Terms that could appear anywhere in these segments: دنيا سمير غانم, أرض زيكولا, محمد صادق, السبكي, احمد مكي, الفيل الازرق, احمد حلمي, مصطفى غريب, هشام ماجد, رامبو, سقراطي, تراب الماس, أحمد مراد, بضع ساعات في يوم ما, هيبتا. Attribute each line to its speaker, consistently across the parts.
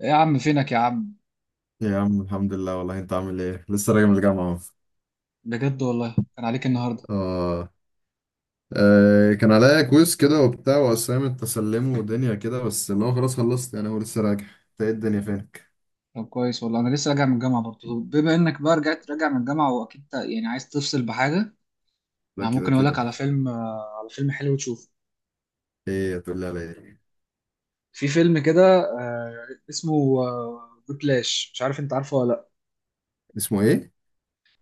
Speaker 1: ايه يا عم؟ فينك يا عم؟
Speaker 2: يا عم الحمد لله، والله انت عامل ايه؟ لسه راجع من الجامعة اهو.
Speaker 1: بجد والله كان عليك النهارده.
Speaker 2: اه كان عليا كويز كده وبتاع واسايمنت تسلمه ودنيا كده، بس اللي هو خلاص خلصت يعني. هو لسه راجع؟ انت ايه الدنيا؟ فينك؟
Speaker 1: طب كويس والله، انا لسه راجع من الجامعه برضه. طب بما انك بقى رجعت راجع من الجامعه، واكيد يعني عايز تفصل بحاجه.
Speaker 2: لا
Speaker 1: انا
Speaker 2: كده
Speaker 1: ممكن اقول
Speaker 2: كده.
Speaker 1: لك على فيلم، على فيلم حلو تشوفه.
Speaker 2: ايه هتقول لي؟ على ايه؟
Speaker 1: في فيلم كده، اسمه، ويبلاش، مش عارف انت عارفه ولا لا.
Speaker 2: اسمه ايه؟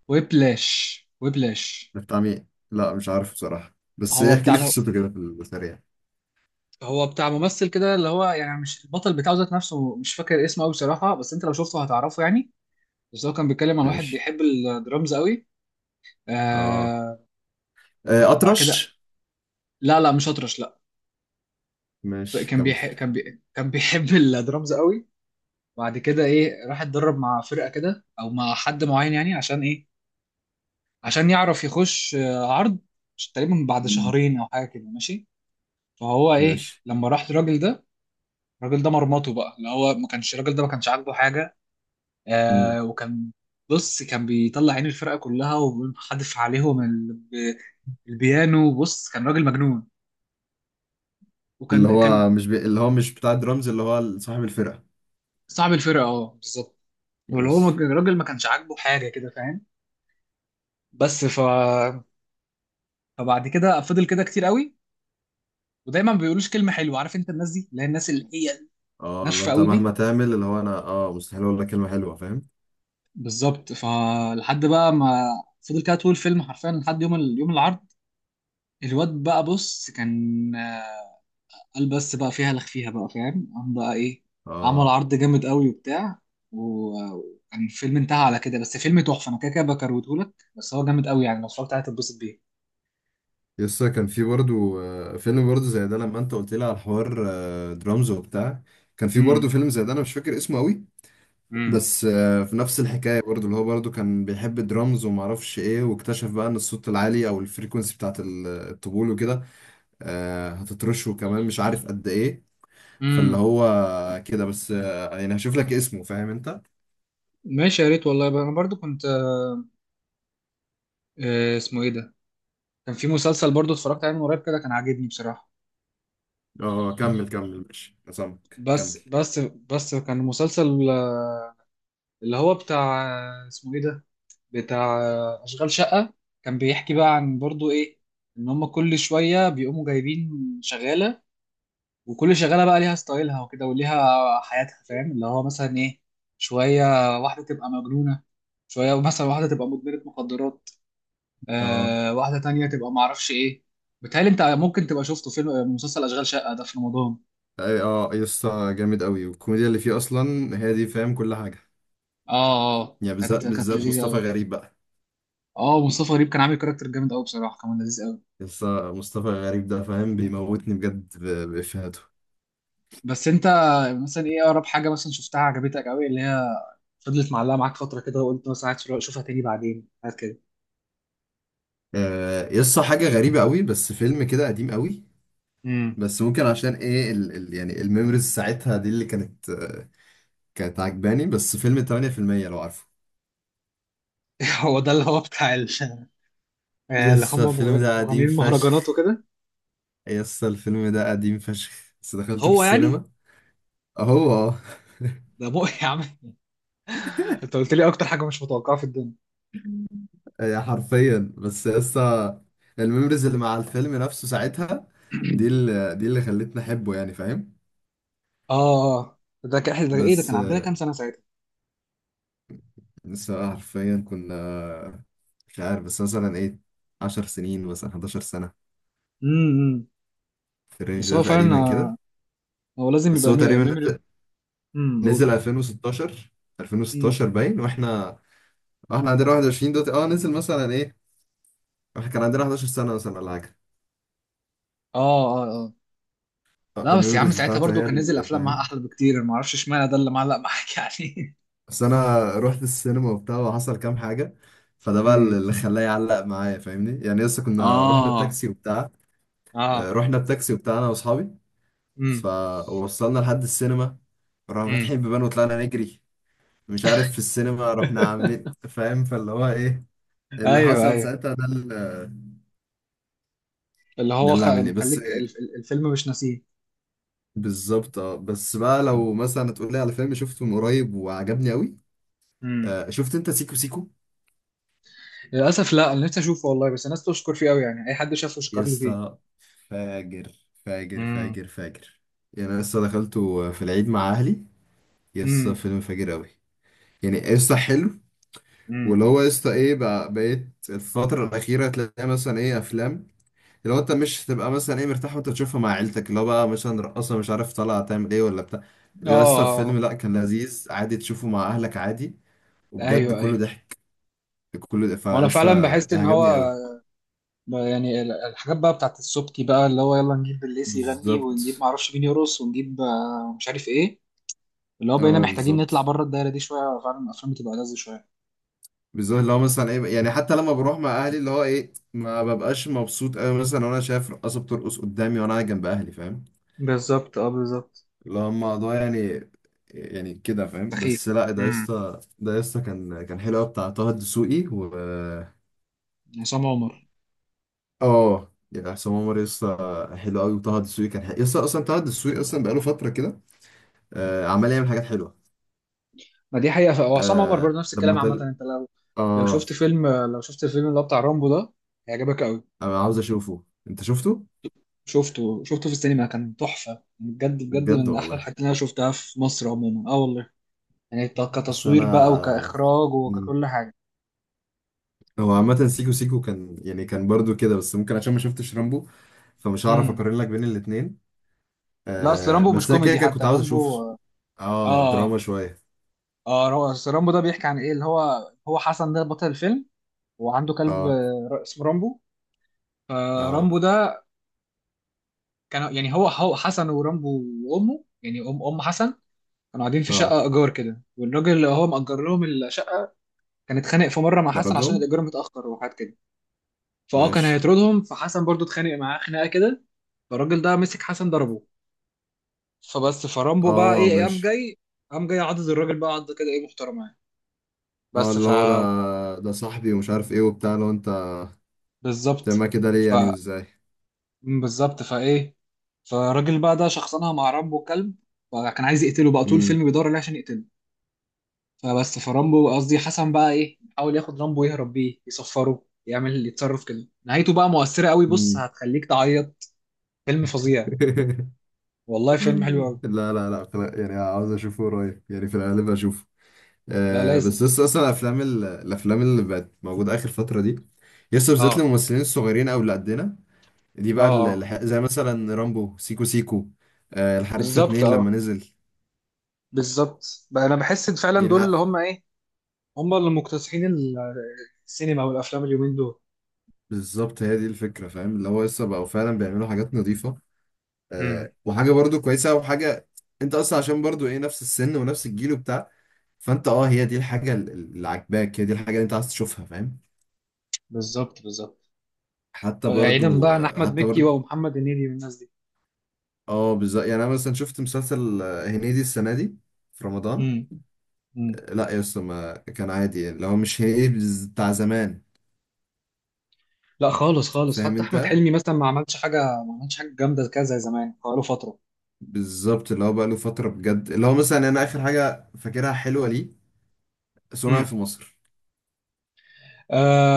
Speaker 1: ويبلاش، ويبلاش.
Speaker 2: ده بتاع مين؟ لا مش عارف بصراحة، بس
Speaker 1: هو
Speaker 2: ايه احكي
Speaker 1: بتاع
Speaker 2: لي قصته كده في السريع.
Speaker 1: ممثل كده، اللي هو يعني مش البطل بتاعه ذات نفسه، مش فاكر اسمه قوي بصراحه، بس انت لو شفته هتعرفه يعني. بس هو كان بيتكلم عن واحد
Speaker 2: ماشي.
Speaker 1: بيحب الدرامز قوي.
Speaker 2: اه
Speaker 1: آه. وبعد
Speaker 2: اطرش.
Speaker 1: كده. لا لا مش اطرش، لا.
Speaker 2: ماشي كمل.
Speaker 1: كان بيحب الدرامز قوي. بعد كده ايه، راح اتدرب مع فرقه كده او مع حد معين يعني عشان ايه؟ عشان يعرف يخش عرض، تقريبا بعد
Speaker 2: مم.
Speaker 1: شهرين او حاجه كده، ماشي. فهو ايه
Speaker 2: ماشي.
Speaker 1: لما راح للراجل ده، الراجل ده مرمطه بقى، اللي هو ما كانش، الراجل ده ما كانش عاجبه حاجه.
Speaker 2: مم.
Speaker 1: آه، وكان، بص كان بيطلع عين الفرقه كلها، وحدف عليهم البيانو، بص كان راجل مجنون.
Speaker 2: اللي
Speaker 1: وكان
Speaker 2: هو مش بتاع درامز، اللي هو صاحب الفرقة.
Speaker 1: صاحب الفرقه، اه بالظبط. واللي هو
Speaker 2: ماشي.
Speaker 1: الراجل ما كانش عاجبه حاجه كده، فاهم؟ بس ف، فبعد كده فضل كده كتير قوي، ودايما ما بيقولوش كلمه حلوه، عارف انت الناس دي، اللي هي الناس اللي هي
Speaker 2: اه اللي
Speaker 1: ناشفه
Speaker 2: انت
Speaker 1: قوي
Speaker 2: مهما
Speaker 1: دي.
Speaker 2: تعمل اللي هو، انا اه مستحيل اقول لك كلمه حلوه، فاهم؟
Speaker 1: بالظبط، فلحد بقى ما، فضل كده طول الفيلم حرفيا لحد يوم يوم العرض. الواد بقى، بص كان قال بس بقى فيها لخفيها بقى، فاهم؟ قام بقى ايه، عمل
Speaker 2: اه.
Speaker 1: عرض جامد قوي وبتاع. وكان الفيلم انتهى على كده. بس فيلم تحفه، انا كده كده بكرهته لك. بس هو جامد قوي يعني، لو اتفرجت عليه هتتبسط
Speaker 2: يسا كان في برضو فيلم برضو زي ده لما انت قلت لي على الحوار درامز وبتاع. كان في برضو
Speaker 1: بيه.
Speaker 2: فيلم زي ده، انا مش فاكر اسمه قوي،
Speaker 1: امم.
Speaker 2: بس في نفس الحكايه برضو، اللي هو برضو كان بيحب الدرامز وما اعرفش ايه، واكتشف بقى ان الصوت العالي او الفريكونسي بتاعت الطبول وكده. هتترشه كمان مش عارف قد ايه. فاللي
Speaker 1: امم،
Speaker 2: هو كده بس، يعني هشوف لك اسمه، فاهم انت؟
Speaker 1: ماشي يا ريت والله بقى. انا برضو كنت، اسمه ايه ده؟ كان في مسلسل برضو اتفرجت عليه من قريب كده، كان عاجبني بصراحة.
Speaker 2: اه كمل ماشي، أنا سامعك كمل.
Speaker 1: بس كان مسلسل، اللي هو بتاع، اسمه ايه ده؟ بتاع اشغال شقة. كان بيحكي بقى عن برضو ايه، ان هم كل شوية بيقوموا جايبين شغالة، وكل شغالة بقى ليها ستايلها وكده، وليها حياتها، فاهم؟ اللي هو مثلا ايه، شوية واحدة تبقى مجنونة، شوية مثلا واحدة تبقى مدمنة مخدرات،
Speaker 2: اه.
Speaker 1: آه واحدة تانية تبقى معرفش ايه. بتهيألي انت ممكن تبقى شفته فيلم، مسلسل اشغال شقة ده في رمضان.
Speaker 2: اه يا اسطى، جامد قوي. والكوميديا اللي فيه اصلا هي دي، فاهم؟ كل حاجه،
Speaker 1: اه اه،
Speaker 2: يعني بالذات
Speaker 1: كانت
Speaker 2: بالذات
Speaker 1: لذيذة
Speaker 2: مصطفى
Speaker 1: قوي.
Speaker 2: غريب بقى.
Speaker 1: اه مصطفى غريب كان عامل كاركتر جامد قوي بصراحة، كان لذيذ قوي.
Speaker 2: يا اسطى مصطفى غريب ده فاهم، بيموتني بجد بافيهاته.
Speaker 1: بس انت مثلا ايه اقرب حاجة مثلا شفتها عجبتك قوي، اللي هي فضلت معلقة معاك فترة كده، وقلت مثلا عايز اشوفها تاني بعدين، حاجات كده.
Speaker 2: آه يا اسطى، حاجه غريبه قوي، بس فيلم كده قديم قوي،
Speaker 1: امم.
Speaker 2: بس ممكن عشان ايه ال يعني الميموريز ساعتها دي اللي كانت كانت عجباني، بس فيلم 8%، لو عارفه.
Speaker 1: هو ده اللي هو بتاع
Speaker 2: يا
Speaker 1: اللي هم
Speaker 2: اسطى الفيلم ده قديم
Speaker 1: مغنيين المهرجانات
Speaker 2: فشخ.
Speaker 1: وكده؟
Speaker 2: يا اسطى الفيلم ده قديم فشخ، بس دخلته في
Speaker 1: هو يعني
Speaker 2: السينما اهو اه.
Speaker 1: ده مو يا عم، انت قلت لي اكتر حاجة مش متوقعة في الدنيا.
Speaker 2: هي حرفيا، بس لسه الميموريز اللي مع الفيلم نفسه ساعتها، دي اللي دي اللي خلتني احبه يعني، فاهم؟
Speaker 1: اه اه، ده كان احنا، ده ايه، ده
Speaker 2: بس
Speaker 1: كان عندنا كام سنه ساعتها؟
Speaker 2: لسه حرفيا كنا، مش عارف، بس مثلا ايه 10 سنين مثلا، 11 سنة،
Speaker 1: امم.
Speaker 2: في الرينج
Speaker 1: بس
Speaker 2: ده
Speaker 1: هو فعلا
Speaker 2: تقريبا كده.
Speaker 1: هو لازم
Speaker 2: بس
Speaker 1: يبقى
Speaker 2: هو تقريبا نزل،
Speaker 1: ميموري. امم،
Speaker 2: نزل
Speaker 1: قول.
Speaker 2: 2016.
Speaker 1: امم.
Speaker 2: 2016 باين، واحنا عندنا 21 دلوقتي، اه. نزل مثلا ايه، احنا كان عندنا 11 سنة مثلا ولا حاجة.
Speaker 1: اه اه اه. لا بس يا عم،
Speaker 2: الميموريز
Speaker 1: ساعتها
Speaker 2: بتاعته
Speaker 1: برضو
Speaker 2: هي
Speaker 1: كان نزل
Speaker 2: اللي
Speaker 1: افلام معاها
Speaker 2: فاهم.
Speaker 1: احلى بكتير، أنا ما اعرفش اشمعنى ده اللي معلق معاك يعني.
Speaker 2: بس انا رحت السينما وبتاع، وحصل كام حاجه، فده بقى
Speaker 1: امم.
Speaker 2: اللي خلاه يعلق معايا فاهمني يعني. لسه كنا رحنا
Speaker 1: اه
Speaker 2: بتاكسي وبتاع،
Speaker 1: اه.
Speaker 2: رحنا بتاكسي وبتاع انا واصحابي،
Speaker 1: امم.
Speaker 2: فوصلنا لحد السينما، رحنا
Speaker 1: امم.
Speaker 2: فاتحين بيبان وطلعنا نجري، مش عارف في السينما رحنا عاملين إيه، فاهم؟ فاللي هو ايه، اللي
Speaker 1: ايوه
Speaker 2: حصل
Speaker 1: ايوه،
Speaker 2: ساعتها، ده اللي
Speaker 1: اللي هو
Speaker 2: عاملني. بس
Speaker 1: مخليك الفيلم مش ناسيه.
Speaker 2: بالظبط، اه. بس بقى لو مثلا تقول لي على فيلم شفته من قريب وعجبني قوي،
Speaker 1: امم.
Speaker 2: شفت انت سيكو سيكو؟
Speaker 1: للاسف لا، انا نفسي اشوفه والله، بس الناس تشكر فيه قوي يعني، اي حد شافه
Speaker 2: يا
Speaker 1: شكر لي فيه.
Speaker 2: اسطى، فاجر فاجر
Speaker 1: امم.
Speaker 2: فاجر فاجر. يعني انا لسه دخلته في العيد مع اهلي، يا اسطى
Speaker 1: امم.
Speaker 2: فيلم فاجر قوي. يعني قصة حلو.
Speaker 1: امم.
Speaker 2: واللي هو قصة ايه بقى، بقيت الفترة الأخيرة تلاقي مثلا ايه أفلام، اللي هو أنت مش هتبقى مثلا ايه مرتاح وأنت تشوفها مع عيلتك، اللي هو بقى مثلا رقاصة مش عارف طالعة تعمل ايه ولا بتاع.
Speaker 1: اه.
Speaker 2: ده لسه
Speaker 1: آه.
Speaker 2: الفيلم لأ، كان لذيذ عادي تشوفه مع أهلك عادي، وبجد
Speaker 1: ايوه
Speaker 2: كله
Speaker 1: ايوه.
Speaker 2: ضحك، كله ضحك.
Speaker 1: وانا
Speaker 2: فلسه
Speaker 1: فعلا بحس ان هو
Speaker 2: عجبني قوي
Speaker 1: يعني الحاجات بقى بتاعت السبكي بقى، اللي هو يلا نجيب الليسي يغني، ونجيب
Speaker 2: بالظبط،
Speaker 1: معرفش مين يرقص، ونجيب مش عارف ايه. اللي هو بقينا
Speaker 2: اه
Speaker 1: محتاجين نطلع
Speaker 2: بالظبط.
Speaker 1: بره الدايره دي شويه، فعلا الافلام بتبقى لذة شويه.
Speaker 2: بالظبط اللي هو مثلا ايه، يعني حتى لما بروح مع اهلي اللي هو ايه، ما ببقاش مبسوط قوي مثلا وانا شايف رقاصه بترقص قدامي وانا قاعد جنب اهلي، فاهم؟
Speaker 1: بالظبط، اه بالظبط.
Speaker 2: اللي هو الموضوع يعني، يعني كده فاهم.
Speaker 1: سخيف.
Speaker 2: بس لا ده
Speaker 1: امم.
Speaker 2: يسطا، ده يسطا كان حلو قوي، بتاع طه الدسوقي و
Speaker 1: عصام عمر.
Speaker 2: اه يعني حسام عمر، يسطا حلو قوي. وطه الدسوقي كان حلو يسطا، اصلا طه الدسوقي اصلا بقاله فتره كده آه عمال يعمل حاجات حلوه.
Speaker 1: ما دي حقيقه، وعصام عمر
Speaker 2: آه
Speaker 1: برضه نفس الكلام
Speaker 2: لما
Speaker 1: عامه.
Speaker 2: تل
Speaker 1: انت لو، لو
Speaker 2: اه
Speaker 1: شفت فيلم لو شفت الفيلم اللي هو بتاع رامبو ده، هيعجبك قوي.
Speaker 2: انا عاوز اشوفه، انت شفته؟
Speaker 1: شفته في السينما، كان تحفه. يعني بجد بجد
Speaker 2: بجد
Speaker 1: من احلى
Speaker 2: والله.
Speaker 1: الحاجات اللي انا شفتها في مصر عموما، اه والله. يعني
Speaker 2: بس
Speaker 1: كتصوير بقى،
Speaker 2: انا،
Speaker 1: وكإخراج، وككل حاجة.
Speaker 2: هو عامة سيكو سيكو كان يعني كان برضو كده، بس ممكن عشان ما شفتش رامبو فمش هعرف
Speaker 1: امم.
Speaker 2: اقارن لك بين الاتنين.
Speaker 1: لا أصل
Speaker 2: آه
Speaker 1: رامبو مش
Speaker 2: بس انا كده
Speaker 1: كوميدي
Speaker 2: كده كنت
Speaker 1: حتى،
Speaker 2: عاوز اشوف.
Speaker 1: رامبو.
Speaker 2: اه
Speaker 1: آه.
Speaker 2: دراما شوية.
Speaker 1: آه، هو أصل رامبو ده بيحكي عن إيه، اللي هو حسن ده بطل الفيلم، وعنده كلب
Speaker 2: اه
Speaker 1: اسمه رامبو.
Speaker 2: اه
Speaker 1: فرامبو ده، كان يعني هو حسن ورامبو وأمه، يعني أم حسن، كانوا قاعدين في
Speaker 2: اه
Speaker 1: شقة إيجار كده، والراجل اللي هو مأجر لهم الشقة كان اتخانق في مرة مع حسن عشان
Speaker 2: كاردوم.
Speaker 1: الإيجار متأخر، وحاجات كده. فأه كان
Speaker 2: ماشي.
Speaker 1: هيطردهم، فحسن برضو اتخانق معاه خناقة كده. فالراجل ده مسك حسن، ضربه. فبس، فرامبو بقى
Speaker 2: اه.
Speaker 1: ايه، قام
Speaker 2: ماشي.
Speaker 1: جاي قام جاي عضد الراجل بقى، عض كده ايه محترمه يعني.
Speaker 2: اه
Speaker 1: بس
Speaker 2: اللي
Speaker 1: ف،
Speaker 2: هو ده صاحبي ومش عارف ايه وبتاع، لو انت
Speaker 1: بالظبط.
Speaker 2: تعمل كده ليه
Speaker 1: ف
Speaker 2: يعني وازاي.
Speaker 1: بالظبط، فايه، فالراجل بقى ده شخصنها مع رامبو كلب. فكان عايز يقتله بقى، طول
Speaker 2: امم.
Speaker 1: الفيلم بيدور عليه عشان يقتله. فبس، فرامبو قصدي حسن بقى ايه، حاول ياخد رامبو يهرب بيه، يصفره، يعمل، يتصرف كده. نهايته بقى مؤثرة قوي، بص
Speaker 2: أمم.
Speaker 1: هتخليك تعيط. فيلم فظيع، والله فيلم حلو قوي.
Speaker 2: لا لا لا، يعني عاوز اشوفه قريب، يعني في الغالب اشوفه.
Speaker 1: لا
Speaker 2: آه
Speaker 1: لازم.
Speaker 2: بس لسه اصلا الافلام الافلام اللي بقت موجوده اخر فتره دي، لسه بالذات
Speaker 1: اه
Speaker 2: الممثلين الصغيرين او اللي قدنا دي
Speaker 1: اه
Speaker 2: بقى
Speaker 1: اه.
Speaker 2: زي مثلا رامبو، سيكو سيكو، آه الحريفه
Speaker 1: بالظبط،
Speaker 2: اتنين لما
Speaker 1: اه
Speaker 2: نزل.
Speaker 1: بالظبط بقى، انا بحس إن فعلا
Speaker 2: يعني
Speaker 1: دول اللي
Speaker 2: ح-
Speaker 1: هم ايه، هم اللي مكتسحين السينما والافلام اليومين دول.
Speaker 2: بالظبط هي دي الفكره فاهم، اللي هو لسه بقوا فعلا بيعملوا حاجات نظيفه
Speaker 1: امم.
Speaker 2: وحاجه برضو كويسه وحاجه. انت اصلا عشان برضو ايه نفس السن ونفس الجيل وبتاع، فانت اه هي دي الحاجه اللي عاجباك، هي دي الحاجه اللي انت عايز تشوفها، فاهم؟
Speaker 1: بالظبط، بالظبط،
Speaker 2: حتى
Speaker 1: بعيدا
Speaker 2: برضو
Speaker 1: بقى عن احمد مكي ومحمد هنيدي والناس دي.
Speaker 2: اه بالظبط. يعني انا مثلا شفت مسلسل هنيدي السنه دي في رمضان،
Speaker 1: امم. امم.
Speaker 2: لا يا اسطى ما كان عادي، اللي هو مش هنيدي بتاع زمان،
Speaker 1: لا خالص خالص،
Speaker 2: فاهم
Speaker 1: حتى احمد
Speaker 2: انت؟
Speaker 1: حلمي مثلا ما عملش حاجه، ما عملش حاجه جامده كده زي زمان بقاله فتره.
Speaker 2: بالظبط اللي هو بقى له فتره بجد، اللي هو مثلا انا اخر حاجه فاكرها حلوه ليه، صنع
Speaker 1: امم.
Speaker 2: في مصر،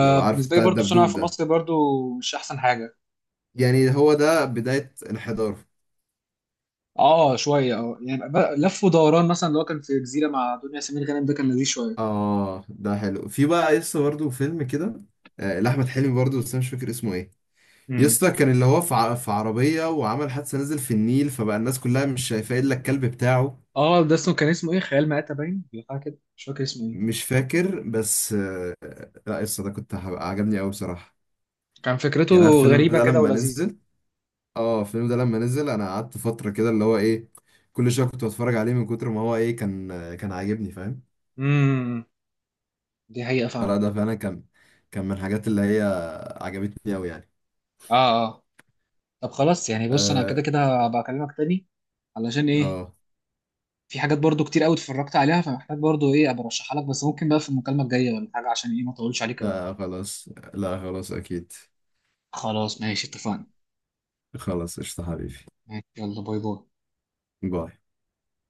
Speaker 2: لو عارف
Speaker 1: بالنسبه لي
Speaker 2: بتاع
Speaker 1: برضو صنع
Speaker 2: الدبدوب
Speaker 1: في
Speaker 2: ده،
Speaker 1: مصر برضو مش احسن حاجه.
Speaker 2: يعني هو ده بدايه الحضاره.
Speaker 1: اه شويه، اه يعني بقى لف ودوران مثلا اللي هو كان في جزيره مع دنيا سمير غانم ده كان لذيذ شويه.
Speaker 2: اه ده حلو. في بقى يسطا برضه فيلم كده، لأحمد حلمي برضه، بس انا مش فاكر اسمه ايه.
Speaker 1: امم.
Speaker 2: يسطا كان اللي هو في في عربية وعمل حادثة، نزل في النيل، فبقى الناس كلها مش شايفة الا الكلب بتاعه.
Speaker 1: اه، ده اسمه، كان اسمه ايه، خيال مآتة باين، حاجه كده مش فاكر اسمه ايه.
Speaker 2: مش فاكر، بس لا يس ده كنت هبقى عجبني قوي بصراحه.
Speaker 1: كان فكرته
Speaker 2: يعني أنا الفيلم
Speaker 1: غريبه
Speaker 2: ده
Speaker 1: كده
Speaker 2: لما
Speaker 1: ولذيذه.
Speaker 2: نزل، اه الفيلم ده لما نزل انا قعدت فتره كده اللي هو ايه، كل شويه كنت بتفرج عليه من كتر ما هو ايه، كان كان عاجبني فاهم.
Speaker 1: امم. دي حقيقة
Speaker 2: فلا
Speaker 1: فعلا.
Speaker 2: ده فعلا كان من الحاجات اللي هي عجبتني قوي يعني.
Speaker 1: اه اه. طب خلاص يعني، بص انا
Speaker 2: اه.
Speaker 1: كده كده هبقى اكلمك تاني، علشان ايه،
Speaker 2: آه،
Speaker 1: في حاجات برضو كتير قوي اتفرجت عليها، فمحتاج برضو ايه ابقى ارشحها لك، بس ممكن بقى في المكالمة الجاية ولا حاجة، عشان ايه ما اطولش عليك قوي.
Speaker 2: لا خلاص، لا خلاص اكيد.
Speaker 1: خلاص ماشي، اتفقنا.
Speaker 2: خلاص قشطه حبيبي.
Speaker 1: ماشي، يلا باي باي.
Speaker 2: باي.